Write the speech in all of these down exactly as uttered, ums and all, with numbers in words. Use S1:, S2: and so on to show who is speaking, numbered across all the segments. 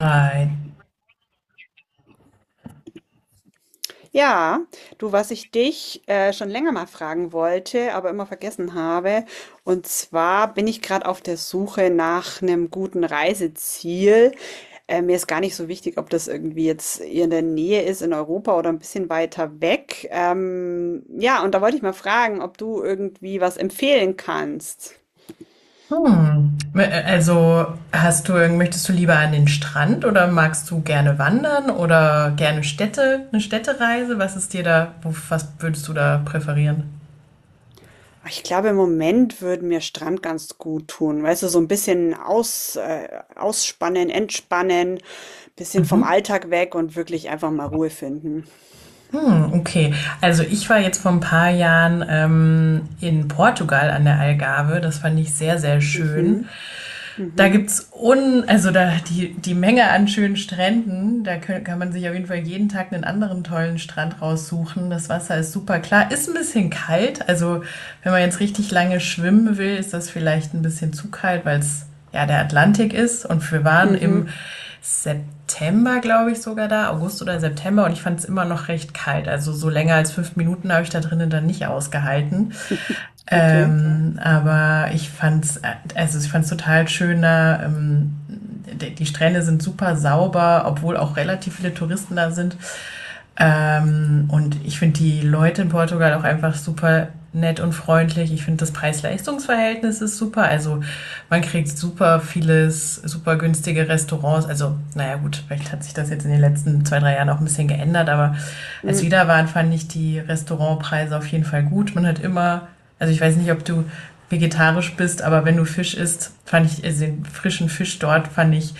S1: Right.
S2: Ja, du, was ich dich äh, schon länger mal fragen wollte, aber immer vergessen habe. Und zwar bin ich gerade auf der Suche nach einem guten Reiseziel. Äh, mir ist gar nicht so wichtig, ob das irgendwie jetzt hier in der Nähe ist, in Europa oder ein bisschen weiter weg. Ähm, ja, und da wollte ich mal fragen, ob du irgendwie was empfehlen kannst.
S1: Hm. Also hast du, irgend- möchtest du lieber an den Strand oder magst du gerne wandern oder gerne Städte, eine Städtereise? Was ist dir da, wo- was würdest du da präferieren?
S2: Ich glaube, im Moment würde mir Strand ganz gut tun. Weißt du, so ein bisschen aus, äh, ausspannen, entspannen. Bisschen vom Alltag weg und wirklich einfach mal Ruhe finden.
S1: Hm, okay. Also ich war jetzt vor ein paar Jahren ähm, in Portugal an der Algarve. Das fand ich sehr, sehr schön.
S2: Mhm.
S1: Da
S2: Mhm.
S1: gibt's un, also da die, die Menge an schönen Stränden, da kö- kann man sich auf jeden Fall jeden Tag einen anderen tollen Strand raussuchen. Das Wasser ist super klar, ist ein bisschen kalt. Also wenn man jetzt richtig lange schwimmen will, ist das vielleicht ein bisschen zu kalt, weil es ja der Atlantik ist. Und wir waren im
S2: Mhm.
S1: September, glaube ich, sogar da, August oder September, und ich fand es immer noch recht kalt. Also so länger als fünf Minuten habe ich da drinnen dann nicht ausgehalten.
S2: Okay.
S1: Ähm, aber ich fand's, äh, also ich fand's total schöner. Ähm, die die Strände sind super sauber, obwohl auch relativ viele Touristen da sind. Ähm, und ich finde die Leute in Portugal auch einfach super nett und freundlich. Ich finde das Preis-Leistungs-Verhältnis ist super. Also man kriegt super vieles, super günstige Restaurants. Also naja gut, vielleicht hat sich das jetzt in den letzten zwei, drei Jahren auch ein bisschen geändert. Aber als wir
S2: Hm.
S1: da waren, fand ich die Restaurantpreise auf jeden Fall gut. Man hat immer, also ich weiß nicht, ob du vegetarisch bist, aber wenn du Fisch isst, fand ich also den frischen Fisch dort fand ich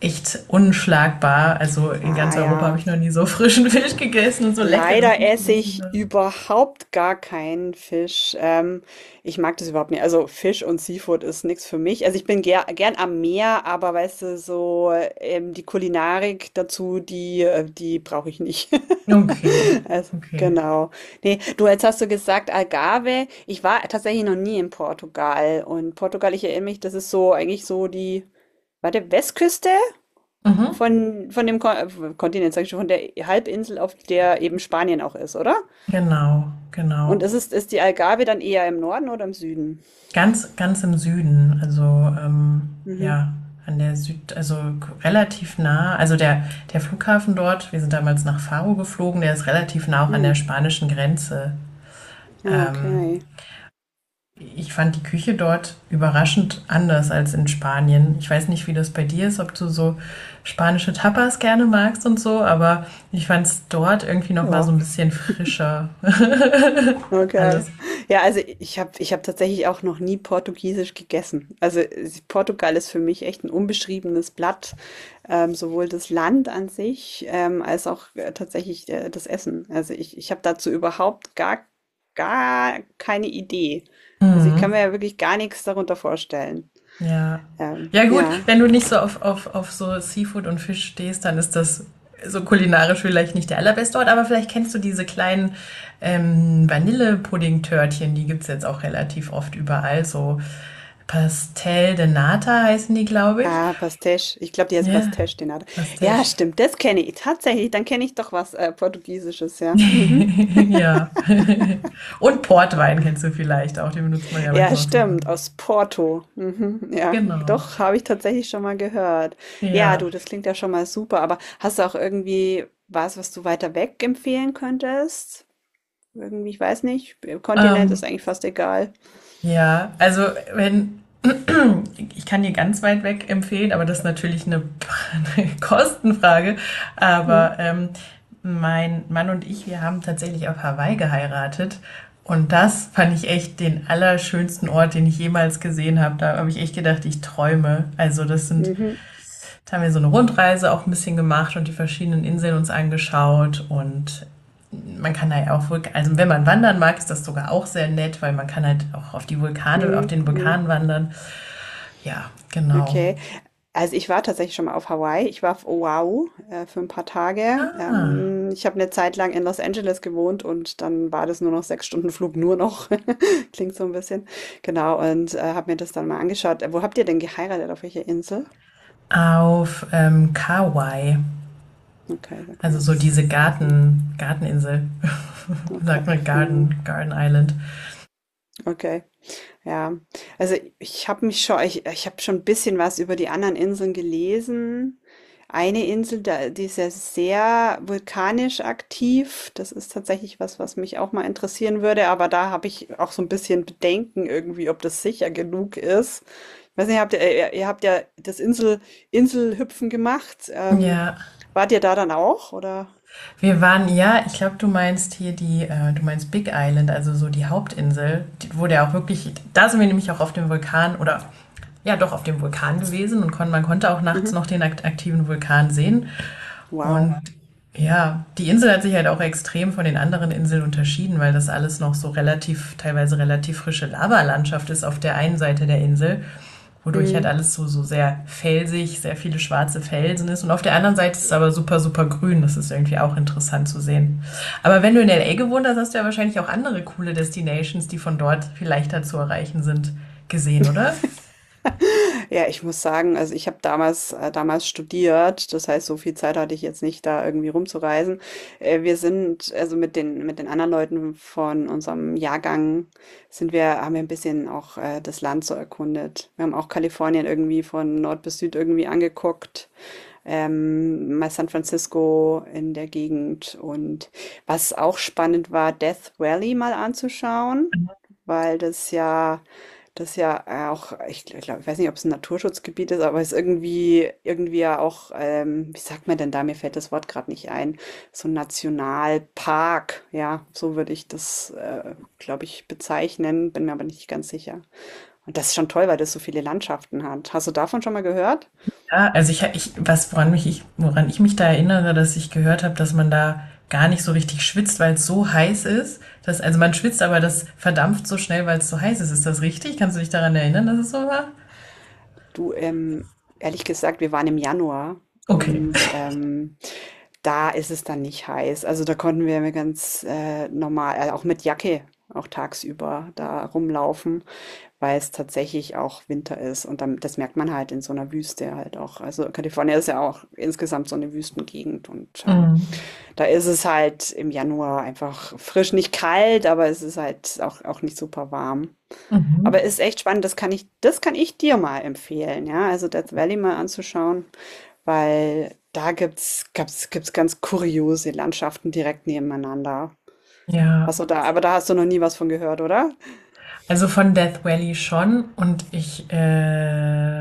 S1: echt unschlagbar. Also in ganz
S2: Ah
S1: Europa
S2: ja.
S1: habe ich noch nie so frischen Fisch gegessen und so leckeren
S2: Leider
S1: Fisch
S2: esse
S1: gegessen.
S2: ich überhaupt gar keinen Fisch. Ähm, ich mag das überhaupt nicht. Also Fisch und Seafood ist nichts für mich. Also ich bin ger gern am Meer, aber weißt du, so ähm, die Kulinarik dazu, die, äh, die brauche ich nicht.
S1: Okay,
S2: Also,
S1: okay.
S2: genau. Nee, du, jetzt hast du gesagt Algarve. Ich war tatsächlich noch nie in Portugal. Und Portugal, ich erinnere mich, das ist so eigentlich so die, warte, Westküste?
S1: Mhm.
S2: Von, von dem Ko äh, Kontinent, sag ich schon, von der Halbinsel, auf der eben Spanien auch ist, oder?
S1: Genau,
S2: Und
S1: genau.
S2: ist, es, ist die Algarve dann eher im Norden oder im Süden?
S1: Ganz, ganz im Süden, also ähm,
S2: Mhm.
S1: ja, an der Süd, also k- relativ nah. Also der, der Flughafen dort, wir sind damals nach Faro geflogen, der ist relativ nah auch an
S2: Hm.
S1: der spanischen Grenze.
S2: Ja,
S1: Ähm,
S2: okay.
S1: Ich fand die Küche dort überraschend anders als in Spanien. Ich weiß nicht, wie das bei dir ist, ob du so spanische Tapas gerne magst und so, aber ich fand es dort irgendwie noch mal so
S2: Ja,
S1: ein bisschen frischer.
S2: okay.
S1: Alles.
S2: Ja, also ich habe ich hab tatsächlich auch noch nie Portugiesisch gegessen. Also äh, Portugal ist für mich echt ein unbeschriebenes Blatt. Ähm, sowohl das Land an sich ähm, als auch äh, tatsächlich äh, das Essen. Also ich, ich habe dazu überhaupt gar, gar keine Idee. Also ich kann mir ja wirklich gar nichts darunter vorstellen.
S1: Ja.
S2: Ähm,
S1: Ja gut,
S2: ja.
S1: wenn du nicht so auf, auf, auf so Seafood und Fisch stehst, dann ist das so kulinarisch vielleicht nicht der allerbeste Ort, aber vielleicht kennst du diese kleinen ähm, Vanillepudding-Törtchen, die gibt's jetzt auch relativ oft überall, so Pastel de Nata heißen die, glaube ich.
S2: Ah, Pastéis. Ich glaube, die heißen
S1: Ja,
S2: Pastéis, den hat. Ja,
S1: Pastiche.
S2: stimmt, das kenne ich tatsächlich. Dann kenne ich doch was äh, Portugiesisches, ja. Mhm.
S1: Ja. Und Portwein kennst du vielleicht auch, den benutzt man ja
S2: Ja,
S1: manchmal auch super.
S2: stimmt, aus Porto. Mhm, ja,
S1: Genau.
S2: doch, habe ich tatsächlich schon mal gehört. Ja,
S1: Ja.
S2: du, das klingt ja schon mal super, aber hast du auch irgendwie was, was du weiter weg empfehlen könntest? Irgendwie, ich weiß nicht, Kontinent ist
S1: Ähm,
S2: eigentlich fast egal.
S1: ja, also wenn ich kann dir ganz weit weg empfehlen, aber das ist natürlich eine 'ne Kostenfrage,
S2: Mhm,
S1: aber, ähm, mein Mann und ich, wir haben tatsächlich auf Hawaii geheiratet und das fand ich echt den allerschönsten Ort, den ich jemals gesehen habe. Da habe ich echt gedacht, ich träume. Also, das sind
S2: mhm,
S1: Jetzt haben wir so eine Rundreise auch ein bisschen gemacht und die verschiedenen Inseln uns angeschaut. Und man kann da ja auch, Vulk- also wenn man wandern mag, ist das sogar auch sehr nett, weil man kann halt auch auf die Vulkane, auf
S2: mhm.
S1: den
S2: Mhm.
S1: Vulkan wandern. Ja, genau.
S2: Okay. Also, ich war tatsächlich schon mal auf Hawaii. Ich war auf Oahu, äh, für ein paar Tage.
S1: Ah,
S2: Ähm, ich habe eine Zeit lang in Los Angeles gewohnt und dann war das nur noch sechs Stunden Flug, nur noch. Klingt so ein bisschen. Genau, und, äh, habe mir das dann mal angeschaut. Äh, wo habt ihr denn geheiratet? Auf welcher Insel?
S1: auf ähm, Kauai,
S2: Okay, sag
S1: also
S2: mir
S1: so
S2: jetzt
S1: diese
S2: nix, ne?
S1: Garten, Garteninsel, sagt
S2: Okay,
S1: man
S2: mhm,
S1: Garden, Garden Island.
S2: okay. Ja, also ich habe mich schon, ich, ich habe schon ein bisschen was über die anderen Inseln gelesen. Eine Insel, da, die ist ja sehr vulkanisch aktiv. Das ist tatsächlich was, was mich auch mal interessieren würde, aber da habe ich auch so ein bisschen Bedenken irgendwie, ob das sicher genug ist. Ich weiß nicht, habt ihr, äh, ihr, ihr habt ja das Insel, Inselhüpfen gemacht. Ähm,
S1: Ja,
S2: wart ihr da dann auch, oder?
S1: Wir waren, ja, ich glaube, du meinst hier die, äh, du meinst Big Island, also so die Hauptinsel, die, wo der auch wirklich, da sind wir nämlich auch auf dem Vulkan oder ja doch auf dem Vulkan gewesen und kon, man konnte auch nachts noch
S2: Mhm.
S1: den akt aktiven Vulkan sehen.
S2: Wow.
S1: Und ja, die Insel hat sich halt auch extrem von den anderen Inseln unterschieden, weil das alles noch so relativ, teilweise relativ frische Lavalandschaft ist auf der einen Seite der Insel wodurch halt
S2: Mhm.
S1: alles so, so sehr felsig, sehr viele schwarze Felsen ist. Und auf der anderen Seite ist es aber super, super grün. Das ist irgendwie auch interessant zu sehen. Aber wenn du in L A gewohnt hast, hast du ja wahrscheinlich auch andere coole Destinations, die von dort viel leichter zu erreichen sind, gesehen, oder?
S2: Ja, ich muss sagen, also ich habe damals, äh, damals studiert, das heißt, so viel Zeit hatte ich jetzt nicht, da irgendwie rumzureisen. Äh, wir sind, also mit den, mit den anderen Leuten von unserem Jahrgang sind wir, haben wir ein bisschen auch äh, das Land so erkundet. Wir haben auch Kalifornien irgendwie von Nord bis Süd irgendwie angeguckt, ähm, mal San Francisco in der Gegend und was auch spannend war, Death Valley mal anzuschauen, weil das ja, das ja äh, auch, ich glaube, ich weiß nicht, ob es ein Naturschutzgebiet ist, aber es ist irgendwie, irgendwie ja auch, ähm, wie sagt man denn da? Mir fällt das Wort gerade nicht ein. So ein Nationalpark, ja, so würde ich das, äh, glaube ich, bezeichnen, bin mir aber nicht ganz sicher. Und das ist schon toll, weil das so viele Landschaften hat. Hast du davon schon mal gehört?
S1: Ja, also ich, ich was, woran mich ich, woran ich mich da erinnere, dass ich gehört habe, dass man da gar nicht so richtig schwitzt, weil es so heiß ist. Dass, also man schwitzt, aber das verdampft so schnell, weil es so heiß ist. Ist das richtig? Kannst du dich daran erinnern, dass es so war?
S2: Du, ähm, ehrlich gesagt, wir waren im Januar
S1: Okay.
S2: und ähm, da ist es dann nicht heiß. Also da konnten wir mir ganz äh, normal, äh, auch mit Jacke, auch tagsüber da rumlaufen, weil es tatsächlich auch Winter ist. Und dann, das merkt man halt in so einer Wüste halt auch. Also Kalifornien ist ja auch insgesamt so eine Wüstengegend. Und ähm,
S1: Mhm.
S2: da ist es halt im Januar einfach frisch, nicht kalt, aber es ist halt auch, auch nicht super warm. Aber
S1: Mhm.
S2: ist echt spannend, das kann ich, das kann ich dir mal empfehlen, ja. Also Death Valley mal anzuschauen, weil da gibt's gab's gibt's ganz kuriose Landschaften direkt nebeneinander.
S1: Ja,
S2: Hast du da, aber da hast du noch nie was von gehört, oder?
S1: also von Death Valley schon und ich äh,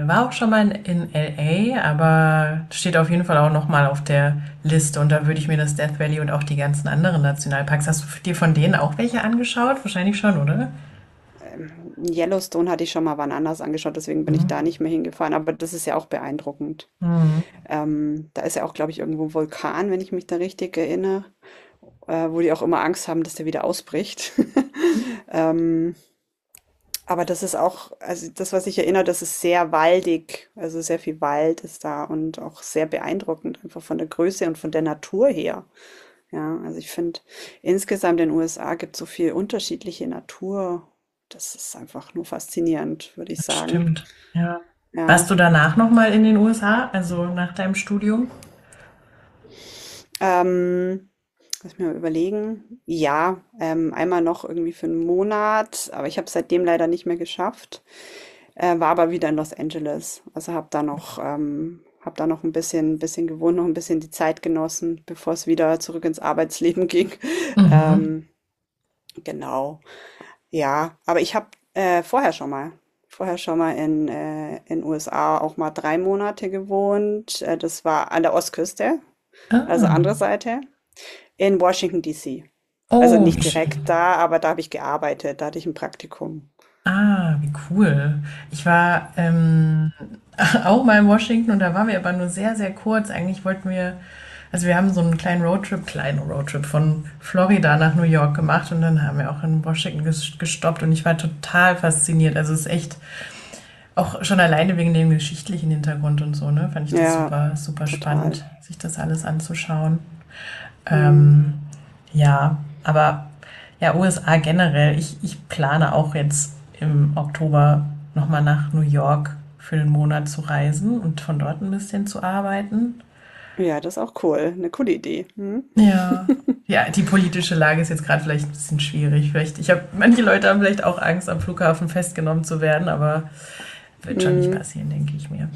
S1: war auch schon mal in L A, aber steht auf jeden Fall auch noch mal auf der Liste und da würde ich mir das Death Valley und auch die ganzen anderen Nationalparks. Hast du dir von denen auch welche angeschaut? Wahrscheinlich schon, oder?
S2: Ähm, Yellowstone hatte ich schon mal wann anders angeschaut, deswegen bin
S1: Mhm.
S2: ich da nicht mehr hingefahren, aber das ist ja auch beeindruckend.
S1: Mhm.
S2: Ähm, da ist ja auch, glaube ich, irgendwo ein Vulkan, wenn ich mich da richtig erinnere, äh, wo die auch immer Angst haben, dass der wieder ausbricht. Aber das ist auch, also das, was ich erinnere, das ist sehr waldig. Also sehr viel Wald ist da und auch sehr beeindruckend, einfach von der Größe und von der Natur her. Ja, also ich finde, insgesamt in den U S A gibt es so viel unterschiedliche Natur. Das ist einfach nur faszinierend, würde ich
S1: Das
S2: sagen.
S1: Stimmt. Ja.
S2: Ja.
S1: Warst du danach noch mal in den U S A, also nach deinem Studium?
S2: Ähm, lass mich mal überlegen. Ja, ähm, einmal noch irgendwie für einen Monat, aber ich habe es seitdem leider nicht mehr geschafft. Äh, war aber wieder in Los Angeles. Also habe da noch, ähm, hab da noch ein bisschen, bisschen gewohnt, noch ein bisschen die Zeit genossen, bevor es wieder zurück ins Arbeitsleben ging.
S1: Mhm.
S2: Ähm, genau. Ja, aber ich habe äh, vorher schon mal, vorher schon mal in äh, in U S A auch mal drei Monate gewohnt. Äh, das war an der Ostküste, also
S1: Ah.
S2: andere Seite, in Washington D C. Also
S1: Oh, wie
S2: nicht direkt
S1: schön.
S2: da, aber da habe ich gearbeitet, da hatte ich ein Praktikum.
S1: Ah, wie cool. Ich war ähm, auch mal in Washington und da waren wir aber nur sehr, sehr kurz. Eigentlich wollten wir, also wir haben so einen kleinen Roadtrip, kleinen Roadtrip von Florida nach New York gemacht und dann haben wir auch in Washington ges- gestoppt und ich war total fasziniert. Also es ist echt auch schon alleine wegen dem geschichtlichen Hintergrund und so, ne, fand ich das
S2: Ja,
S1: super, super spannend,
S2: total.
S1: sich das alles anzuschauen.
S2: Hm.
S1: Ähm, ja, aber ja, U S A generell. Ich, ich plane auch jetzt im Oktober nochmal nach New York für einen Monat zu reisen und von dort ein bisschen zu arbeiten.
S2: Ja, das ist auch cool, eine coole Idee. Mhm.
S1: Ja. Ja, die politische Lage ist jetzt gerade vielleicht ein bisschen schwierig. Vielleicht, ich habe, manche Leute haben vielleicht auch Angst, am Flughafen festgenommen zu werden, aber
S2: Hm,
S1: wird schon nicht
S2: Mm,
S1: passieren, denke ich mir.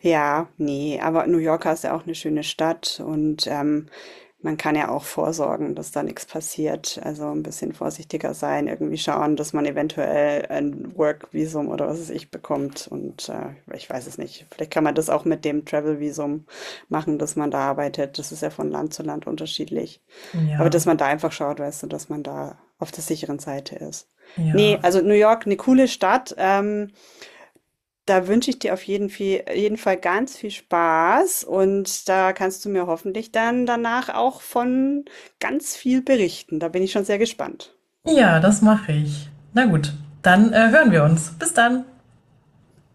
S2: ja, nee, aber New Yorker ist ja auch eine schöne Stadt und, ähm, man kann ja auch vorsorgen, dass da nichts passiert. Also, ein bisschen vorsichtiger sein, irgendwie schauen, dass man eventuell ein Work-Visum oder was weiß ich bekommt und, äh, ich weiß es nicht. Vielleicht kann man das auch mit dem Travel-Visum machen, dass man da arbeitet. Das ist ja von Land zu Land unterschiedlich. Aber
S1: Ja,
S2: dass man da einfach schaut, weißt du, dass man da auf der sicheren Seite ist. Ne,
S1: ja.
S2: also New York eine coole Stadt, ähm, da wünsche ich dir auf jeden Fe jeden Fall ganz viel Spaß und da kannst du mir hoffentlich dann danach auch von ganz viel berichten. Da bin ich schon sehr gespannt.
S1: Ja, das mache ich. Na gut, dann äh, hören wir uns. Bis dann.